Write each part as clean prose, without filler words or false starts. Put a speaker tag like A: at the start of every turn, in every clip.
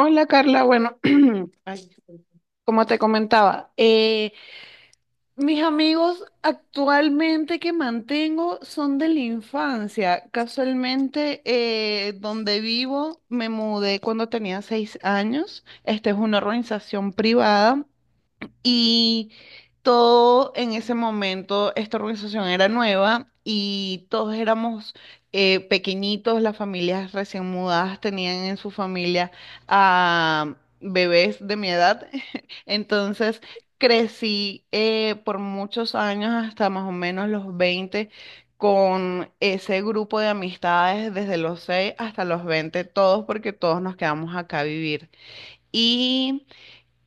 A: Hola Carla, bueno, ay, como te comentaba, mis amigos actualmente que mantengo son de la infancia. Casualmente, donde vivo me mudé cuando tenía 6 años. Esta es una organización privada y todo en ese momento, esta organización era nueva y todos éramos pequeñitos, las familias recién mudadas tenían en su familia a bebés de mi edad. Entonces crecí por muchos años, hasta más o menos los 20 con ese grupo de amistades desde los 6 hasta los 20 todos porque todos nos quedamos acá a vivir. Y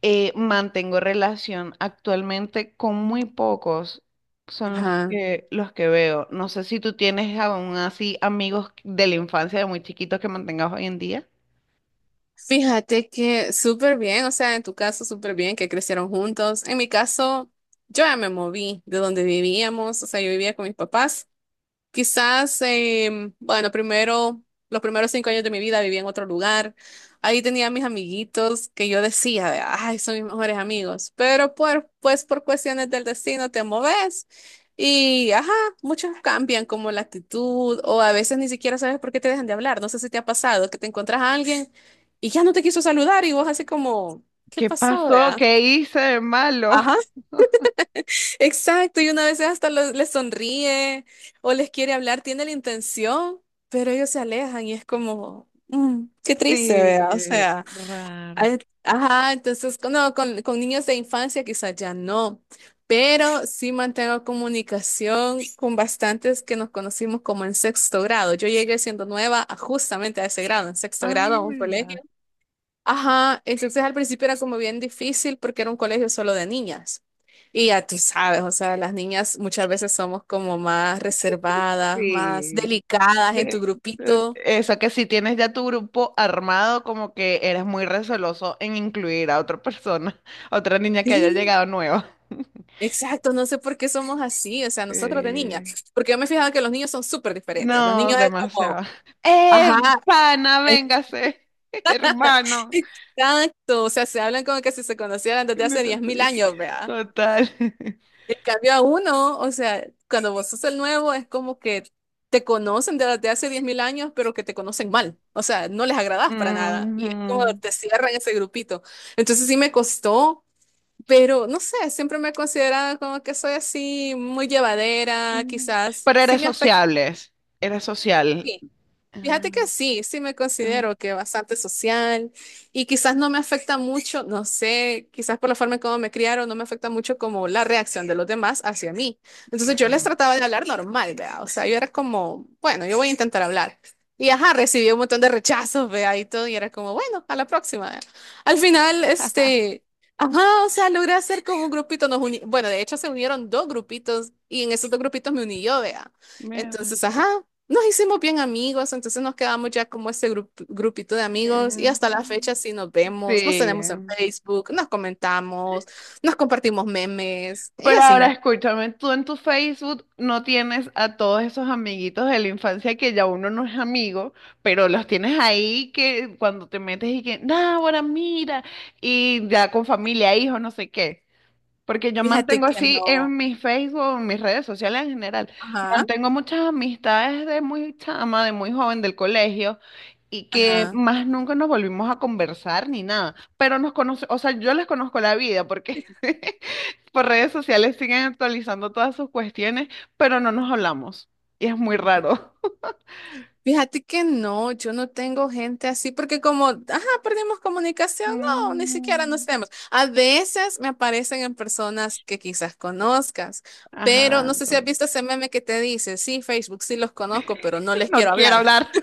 A: eh, mantengo relación actualmente con muy pocos, son
B: Ajá.
A: los que veo. No sé si tú tienes aún así amigos de la infancia de muy chiquitos que mantengas hoy en día.
B: Fíjate que súper bien, o sea, en tu caso súper bien que crecieron juntos. En mi caso, yo ya me moví de donde vivíamos, o sea, yo vivía con mis papás. Quizás, bueno, primero, los primeros 5 años de mi vida vivía en otro lugar. Ahí tenía mis amiguitos que yo decía, ay, son mis mejores amigos. Pero pues por cuestiones del destino te moves y, ajá, muchos cambian como la actitud o a veces ni siquiera sabes por qué te dejan de hablar. No sé si te ha pasado que te encuentras a alguien y ya no te quiso saludar y vos así como, ¿qué
A: ¿Qué
B: pasó,
A: pasó?
B: vea?
A: ¿Qué hice de malo?
B: Ajá. Exacto, y una vez hasta les sonríe o les quiere hablar, tiene la intención, pero ellos se alejan y es como, qué triste, ¿verdad? O
A: Sí,
B: sea,
A: raro.
B: hay- ajá, entonces, no, con niños de infancia quizás ya no, pero sí mantengo comunicación con bastantes que nos conocimos como en sexto grado. Yo llegué siendo nueva justamente a ese grado, en sexto grado
A: Ah,
B: a un colegio.
A: mira.
B: Ajá, entonces al principio era como bien difícil porque era un colegio solo de niñas. Y ya tú sabes, o sea, las niñas muchas veces somos como más reservadas, más
A: Sí.
B: delicadas en tu
A: de-
B: grupito.
A: Eso que si tienes ya tu grupo armado, como que eres muy receloso en incluir a otra persona, a otra niña que haya
B: Sí,
A: llegado nueva.
B: exacto, no sé por qué somos así, o sea, nosotros de niñas,
A: Sí.
B: porque yo me he fijado que los niños son súper diferentes. Los
A: No,
B: niños es
A: demasiado.
B: como,
A: ¡Eh,
B: ajá,
A: pana, véngase! Hermano.
B: exacto, o sea, se hablan como que si se conocieran desde
A: No.
B: hace 10.000 años, ¿verdad?
A: Total.
B: En cambio a uno, o sea, cuando vos sos el nuevo es como que te conocen desde hace 10.000 años, pero que te conocen mal. O sea, no les agradás para nada. Y es como
A: Ujú.
B: te cierran ese grupito. Entonces sí me costó, pero no sé, siempre me he considerado como que soy así muy llevadera,
A: Ujú.
B: quizás.
A: Pero
B: Sí
A: eres
B: me afecta.
A: sociables. Eres social. Ah,
B: Fíjate que sí, sí me
A: hemos-
B: considero que bastante social y quizás no me afecta mucho, no sé, quizás por la forma en cómo me criaron, no me afecta mucho como la reacción de los demás hacia mí.
A: qué
B: Entonces yo les
A: bueno.
B: trataba de hablar normal, ¿vea? O sea, yo era como, bueno, yo voy a intentar hablar. Y ajá, recibí un montón de rechazos, vea, y todo, y era como, bueno, a la próxima, vea. Al final, este, ajá, o sea, logré hacer como un grupito, bueno, de hecho se unieron dos grupitos y en esos dos grupitos me uní yo, vea.
A: Mira.
B: Entonces, ajá, nos hicimos bien amigos, entonces nos quedamos ya como ese grupito de amigos y
A: eh,
B: hasta la fecha sí nos vemos, nos
A: Sí.
B: tenemos en Facebook, nos comentamos, nos compartimos memes y
A: Pero ahora
B: así.
A: escúchame, tú en tu Facebook no tienes a todos esos amiguitos de la infancia que ya uno no es amigo, pero los tienes ahí que cuando te metes y que, ahora mira, y ya con familia, hijos, no sé qué. Porque yo
B: Fíjate
A: mantengo
B: que
A: así
B: no.
A: en mi Facebook, en mis redes sociales en general,
B: Ajá,
A: mantengo muchas amistades de muy chama, de muy joven del colegio y que
B: ajá.
A: más nunca nos volvimos a conversar ni nada, pero nos conoce, o sea, yo les conozco la vida
B: Sí,
A: porque
B: sí, sí.
A: por redes sociales siguen actualizando todas sus cuestiones, pero no nos hablamos y es muy raro.
B: Fíjate que no, yo no tengo gente así porque como, ajá, perdimos comunicación, no, ni siquiera
A: Mm,
B: nos vemos. A veces me aparecen en personas que quizás conozcas, pero no
A: ajá,
B: sé si has
A: no,
B: visto ese meme que te dice, sí, Facebook, sí los conozco, pero no les
A: no
B: quiero
A: quiero
B: hablar.
A: hablar.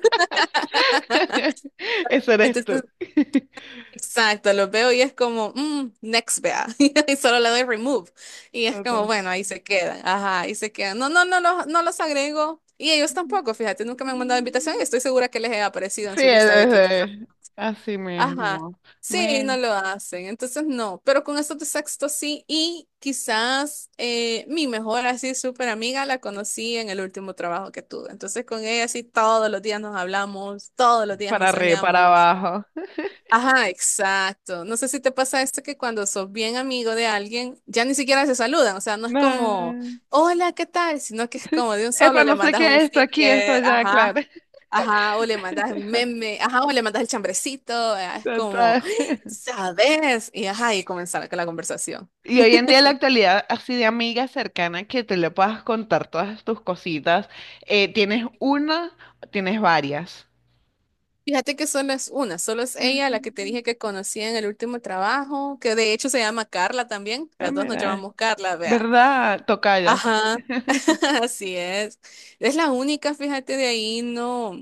A: Eso eres
B: Entonces
A: tú.
B: exacto, lo veo y es como, "Mm, next, vea". Y solo le doy remove. Y es como,
A: Total.
B: bueno, ahí se quedan. Ajá, ahí se quedan. No, no, no, no los agrego. Y ellos tampoco, fíjate, nunca me han mandado invitación y estoy segura que les he aparecido en
A: Sí,
B: su lista de que quizás.
A: así
B: Ajá.
A: mismo.
B: Sí, no
A: Mira,
B: lo hacen. Entonces, no. Pero con estos de sexto sí. Y quizás mi mejor así súper amiga la conocí en el último trabajo que tuve. Entonces, con ella sí todos los días nos hablamos, todos los días
A: para arriba, para
B: mensajeamos.
A: abajo.
B: Ajá, exacto. No sé si te pasa esto que cuando sos bien amigo de alguien, ya ni siquiera se saludan. O sea, no es como,
A: No.
B: hola, ¿qué tal? Sino que es como de un solo,
A: Epa,
B: le
A: no sé
B: mandas
A: qué
B: un
A: es esto aquí, esto
B: sticker,
A: allá,
B: ajá,
A: claro.
B: ajá, o le mandas un meme, ajá, o le mandas el chambrecito. Ah, es como,
A: Total.
B: ¿sabes? Y ajá, y comenzar con la conversación.
A: Y hoy en día, en la actualidad, así de amiga cercana que te le puedas contar todas tus cositas, ¿tienes una o tienes varias?
B: Fíjate que solo es una, solo es ella la que te
A: Ujú.
B: dije que conocí en el último trabajo, que de hecho se llama Carla también.
A: Ah,
B: Las dos nos
A: mira.
B: llamamos Carla, vea.
A: ¿Verdad? Tocallas.
B: Ajá. Así es. Es la única, fíjate, de ahí no.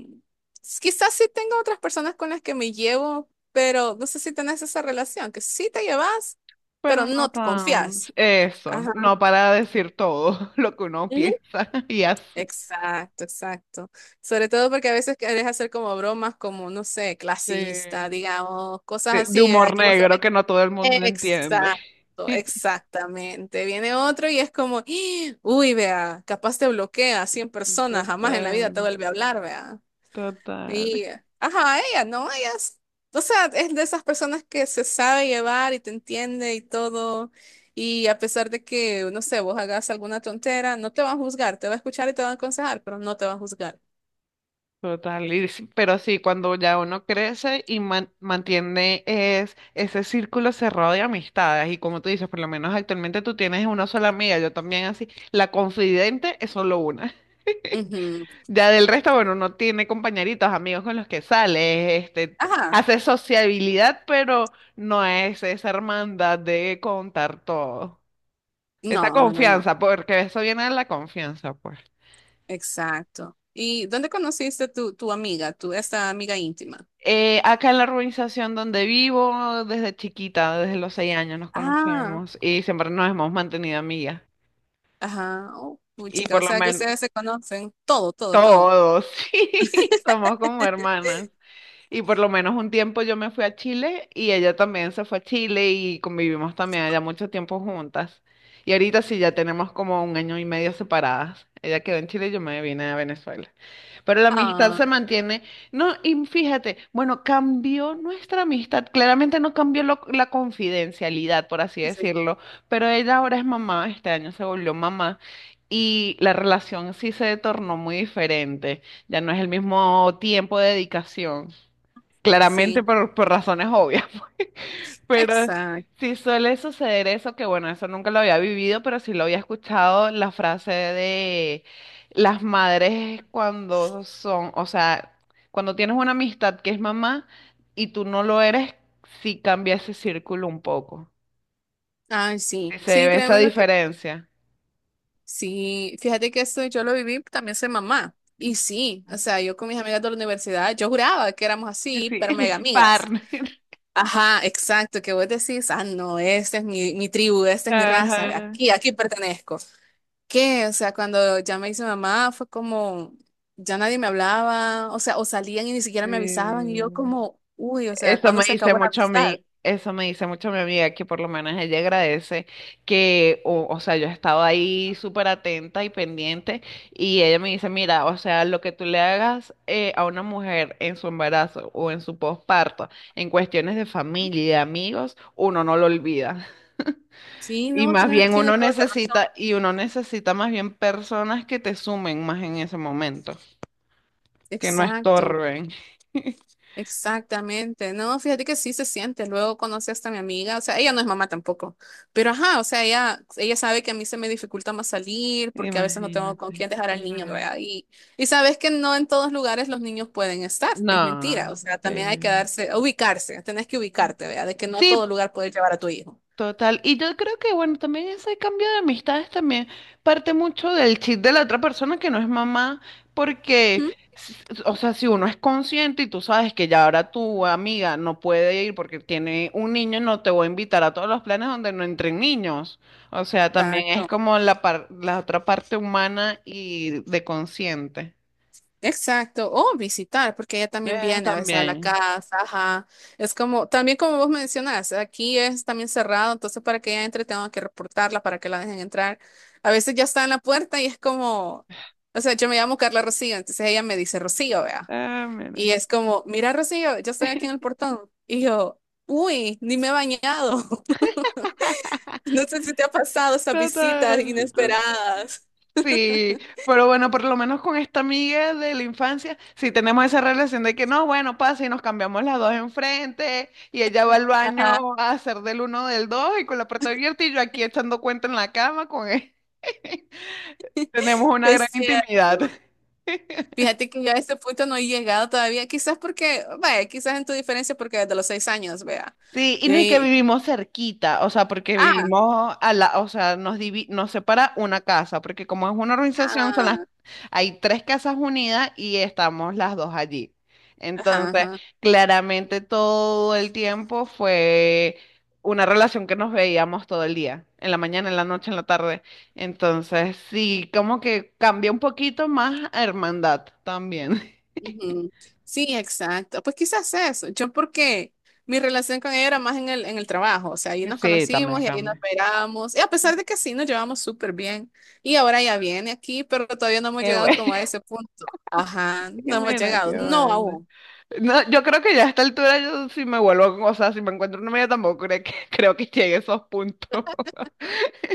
B: Quizás sí tengo otras personas con las que me llevo, pero no sé si tenés esa relación, que sí te llevas, pero
A: Pero no
B: no te
A: tan...
B: confías.
A: Eso,
B: Ajá.
A: no para decir todo lo que uno
B: Ujú.
A: piensa y hace.
B: Exacto, exacto. Sobre todo porque a veces querés hacer como bromas, como, no sé, clasista,
A: Sí.
B: digamos, cosas
A: Sí, de
B: así, ¿verdad?
A: humor
B: Que vos.
A: negro que no todo el mundo entiende.
B: Exacto, exactamente. Viene otro y es como, "Ah, uy, vea, capaz te bloquea a 100 personas, jamás en la vida
A: Total,
B: te vuelve a hablar, vea".
A: total,
B: Y, ajá, ella, ¿no? Ella es, o sea, es de esas personas que se sabe llevar y te entiende y todo. Y a pesar de que, no sé, vos hagas alguna tontera, no te va a juzgar, te va a escuchar y te va a aconsejar, pero no te va a juzgar.
A: total. Y sí, pero sí, cuando ya uno crece y mantiene es, ese círculo cerrado de amistades, y como tú dices, por lo menos actualmente tú tienes una sola amiga, yo también así, la confidente es solo una.
B: Ujú.
A: Ya del resto, bueno, uno tiene compañeritos, amigos con los que sale,
B: Ajá.
A: hace sociabilidad, pero no es esa hermandad de contar todo. Esa
B: No, no, no, no.
A: confianza, porque eso viene de la confianza, pues.
B: Exacto. ¿Y dónde conociste tu, amiga, tu esta amiga íntima?
A: Acá en la urbanización donde vivo, desde chiquita, desde los 6 años nos
B: Ah,
A: conocemos y siempre nos hemos mantenido amigas.
B: ajá. Oh,
A: Y
B: puchica, o
A: por lo
B: sea que
A: menos
B: ustedes se conocen. Todo, todo, todo.
A: todos, sí, somos como hermanas. Y por lo menos un tiempo yo me fui a Chile y ella también se fue a Chile y convivimos también allá mucho tiempo juntas. Y ahorita sí ya tenemos como un año y medio separadas. Ella quedó en Chile y yo me vine a Venezuela. Pero la amistad
B: Ah,
A: se mantiene. No, y fíjate, bueno, cambió nuestra amistad. Claramente no cambió la confidencialidad, por así
B: sí.
A: decirlo, pero ella ahora es mamá, este año se volvió mamá y la relación sí se tornó muy diferente. Ya no es el mismo tiempo de dedicación. Claramente
B: Sí,
A: por razones obvias. Pero
B: exacto.
A: sí suele suceder eso, que bueno, eso nunca lo había vivido, pero sí lo había escuchado, la frase de las madres cuando son, o sea, cuando tienes una amistad que es mamá y tú no lo eres, sí cambia ese círculo un poco.
B: Ay, sí.
A: Sí, se
B: Sí,
A: ve esa
B: créeme lo que.
A: diferencia.
B: Sí, fíjate que esto yo lo viví, también soy mamá. Y sí, o sea, yo con mis amigas de la universidad, yo juraba que éramos así,
A: Sí,
B: pero mega amigas.
A: partner.
B: Ajá, exacto, que vos decís, ah, no, esta es mi tribu, esta es mi raza,
A: Ajá.
B: aquí, aquí pertenezco. Que, o sea, cuando ya me hice mamá fue como, ya nadie me hablaba, o sea, o salían y ni siquiera me avisaban y yo
A: Sí.
B: como, uy, o sea,
A: Eso
B: ¿cuándo
A: me
B: se
A: dice
B: acabó la
A: mucho a
B: amistad?
A: mí, eso me dice mucho mi amiga, que por lo menos ella agradece que, o sea, yo he estado ahí súper atenta y pendiente y ella me dice, mira, o sea, lo que tú le hagas a una mujer en su embarazo o en su posparto, en cuestiones de familia y de amigos, uno no lo olvida.
B: Sí,
A: Y
B: no,
A: más
B: tienes,
A: bien
B: tienes
A: uno
B: toda la razón.
A: necesita, y uno necesita más bien personas que te sumen más en ese momento, que no
B: Exacto.
A: estorben.
B: Exactamente, no, fíjate que sí se siente, luego conocí hasta a mi amiga, o sea, ella no es mamá tampoco, pero ajá, o sea, ella sabe que a mí se me dificulta más salir porque a veces no tengo con
A: Imagínate.
B: quién dejar al niño,
A: Claro.
B: ¿verdad? Y sabes que no en todos lugares los niños pueden estar, es mentira,
A: No.
B: o sea, también hay que
A: que-
B: darse, ubicarse, tenés que ubicarte, ¿verdad? De que no a
A: Sí,
B: todo lugar puedes llevar a tu hijo.
A: total. Y yo creo que, bueno, también ese cambio de amistades también parte mucho del chip de la otra persona que no es mamá, porque,
B: ¿Mm?
A: s- o sea, si uno es consciente y tú sabes que ya ahora tu amiga no puede ir porque tiene un niño, no te voy a invitar a todos los planes donde no entren niños. O sea, también es
B: Exacto.
A: como la otra parte humana y de consciente.
B: Exacto, o visitar, porque ella también viene a veces a la
A: También.
B: casa, ajá. Es como, también como vos mencionas, aquí es también cerrado, entonces para que ella entre tengo que reportarla para que la dejen entrar. A veces ya está en la puerta y es como, o sea, yo me llamo Carla Rocío, entonces ella me dice Rocío, vea.
A: Ah, mira.
B: Y es como, mira Rocío, yo estoy aquí en el portón. Y yo, uy, ni me he bañado. No sé si te ha pasado esas visitas
A: Total, total.
B: inesperadas.
A: Sí, pero bueno, por lo menos con esta amiga de la infancia, sí tenemos esa relación de que no, bueno, pasa y nos cambiamos las dos enfrente y ella va al
B: Ajá,
A: baño a hacer del uno del dos y con la puerta abierta y yo aquí echando cuenta en la cama con él. Tenemos una gran
B: es
A: intimidad.
B: cierto. Fíjate que yo a este punto no he llegado todavía, quizás porque, vaya, quizás en tu diferencia porque desde los 6 años, vea.
A: Sí, y no y que
B: Y-
A: vivimos cerquita, o sea, porque
B: ah,
A: vivimos a la, o sea, nos separa una casa, porque como es una organización, son las,
B: ah,
A: hay tres casas unidas y estamos las dos allí.
B: ajá,
A: Entonces,
B: ajá.
A: claramente todo el tiempo fue una relación que nos veíamos todo el día, en la mañana, en la noche, en la tarde. Entonces, sí, como que cambia un poquito más a hermandad también.
B: Ujú. Sí, exacto. Pues quizás eso. Yo porque mi relación con ella era más en el trabajo, o sea, ahí nos
A: Sí,
B: conocimos
A: también
B: y ahí nos
A: cambia.
B: esperamos. Y a pesar de que sí, nos llevamos súper bien. Y ahora ya viene aquí, pero todavía no hemos
A: Qué
B: llegado
A: bueno.
B: como a ese punto. Ajá,
A: Que
B: no hemos
A: mira, qué
B: llegado. No
A: bueno.
B: aún.
A: No, yo creo que ya a esta altura yo si me vuelvo, o sea, si me encuentro una media tampoco creo que, creo que llegue a esos puntos.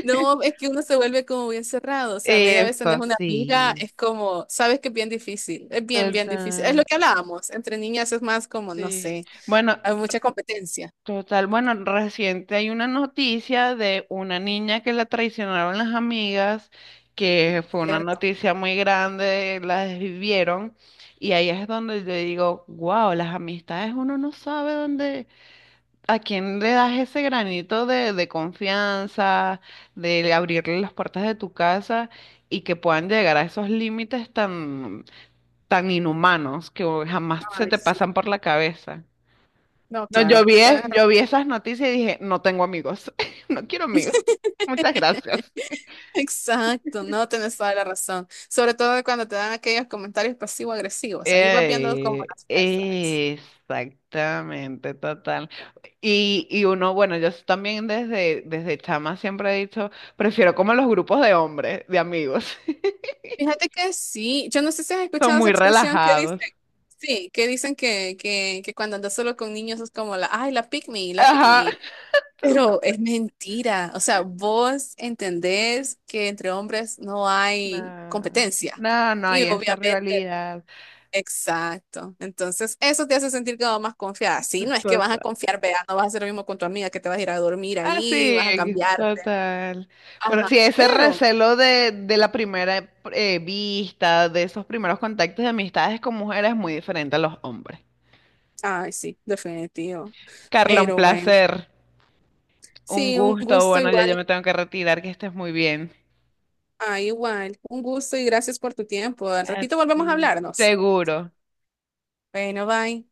B: No, es que uno se vuelve como bien cerrado, o sea, media vez tenés
A: Eso
B: una amiga,
A: sí.
B: es como, sabes que es bien difícil, es bien, bien difícil. Es lo
A: Total,
B: que hablábamos, entre niñas es más como, no
A: sí.
B: sé,
A: Bueno,
B: hay mucha competencia.
A: total, bueno, reciente hay una noticia de una niña que la traicionaron las amigas, que fue una
B: Cierto,
A: noticia muy grande, la desvivieron, y ahí es donde yo digo, wow, las amistades uno no sabe dónde. ¿A quién le das ese granito de confianza, de abrirle las puertas de tu casa y que puedan llegar a esos límites tan, tan inhumanos que jamás se
B: ay,
A: te
B: sí.
A: pasan por la cabeza?
B: No,
A: No,
B: claro.
A: yo vi,
B: Tenés
A: yo vi
B: razón.
A: esas noticias y dije, no tengo amigos, no quiero amigos. Muchas gracias.
B: Exacto, no tenés toda la razón. Sobre todo cuando te dan aquellos comentarios pasivo-agresivos. Ahí vas viendo como
A: Ey,
B: las red flags.
A: exactamente, total. Y uno, bueno, yo también desde chama siempre he dicho, prefiero como los grupos de hombres, de amigos.
B: Fíjate que sí. Yo no sé si has
A: Son
B: escuchado esa
A: muy
B: expresión que dicen.
A: relajados.
B: Sí, que dicen que cuando andas solo con niños es como la, ay, la pick me, la pick
A: Ajá.
B: me.
A: tal
B: Pero
A: cu-
B: es mentira. O sea, vos entendés que entre hombres no hay
A: no,
B: competencia.
A: no, no
B: Y
A: hay esa
B: obviamente,
A: rivalidad.
B: exacto. Entonces, eso te hace sentir como más confiada. Sí, no es que vas a
A: Total.
B: confiar, vea, no vas a hacer lo mismo con tu amiga que te vas a ir a dormir
A: Ah,
B: ahí, vas a
A: sí,
B: cambiarte.
A: total. Pero
B: Ajá,
A: sí, ese
B: pero,
A: recelo de la primera vista, de esos primeros contactos de amistades con mujeres es muy diferente a los hombres.
B: ay, sí, definitivo.
A: Carla, un
B: Pero bueno,
A: placer, un
B: sí, un
A: gusto.
B: gusto
A: Bueno, ya yo
B: igual.
A: me tengo que retirar, que estés muy bien.
B: Ah, igual. Un gusto y gracias por tu tiempo. Al ratito volvemos a
A: Sí,
B: hablarnos.
A: seguro.
B: Bueno, bye.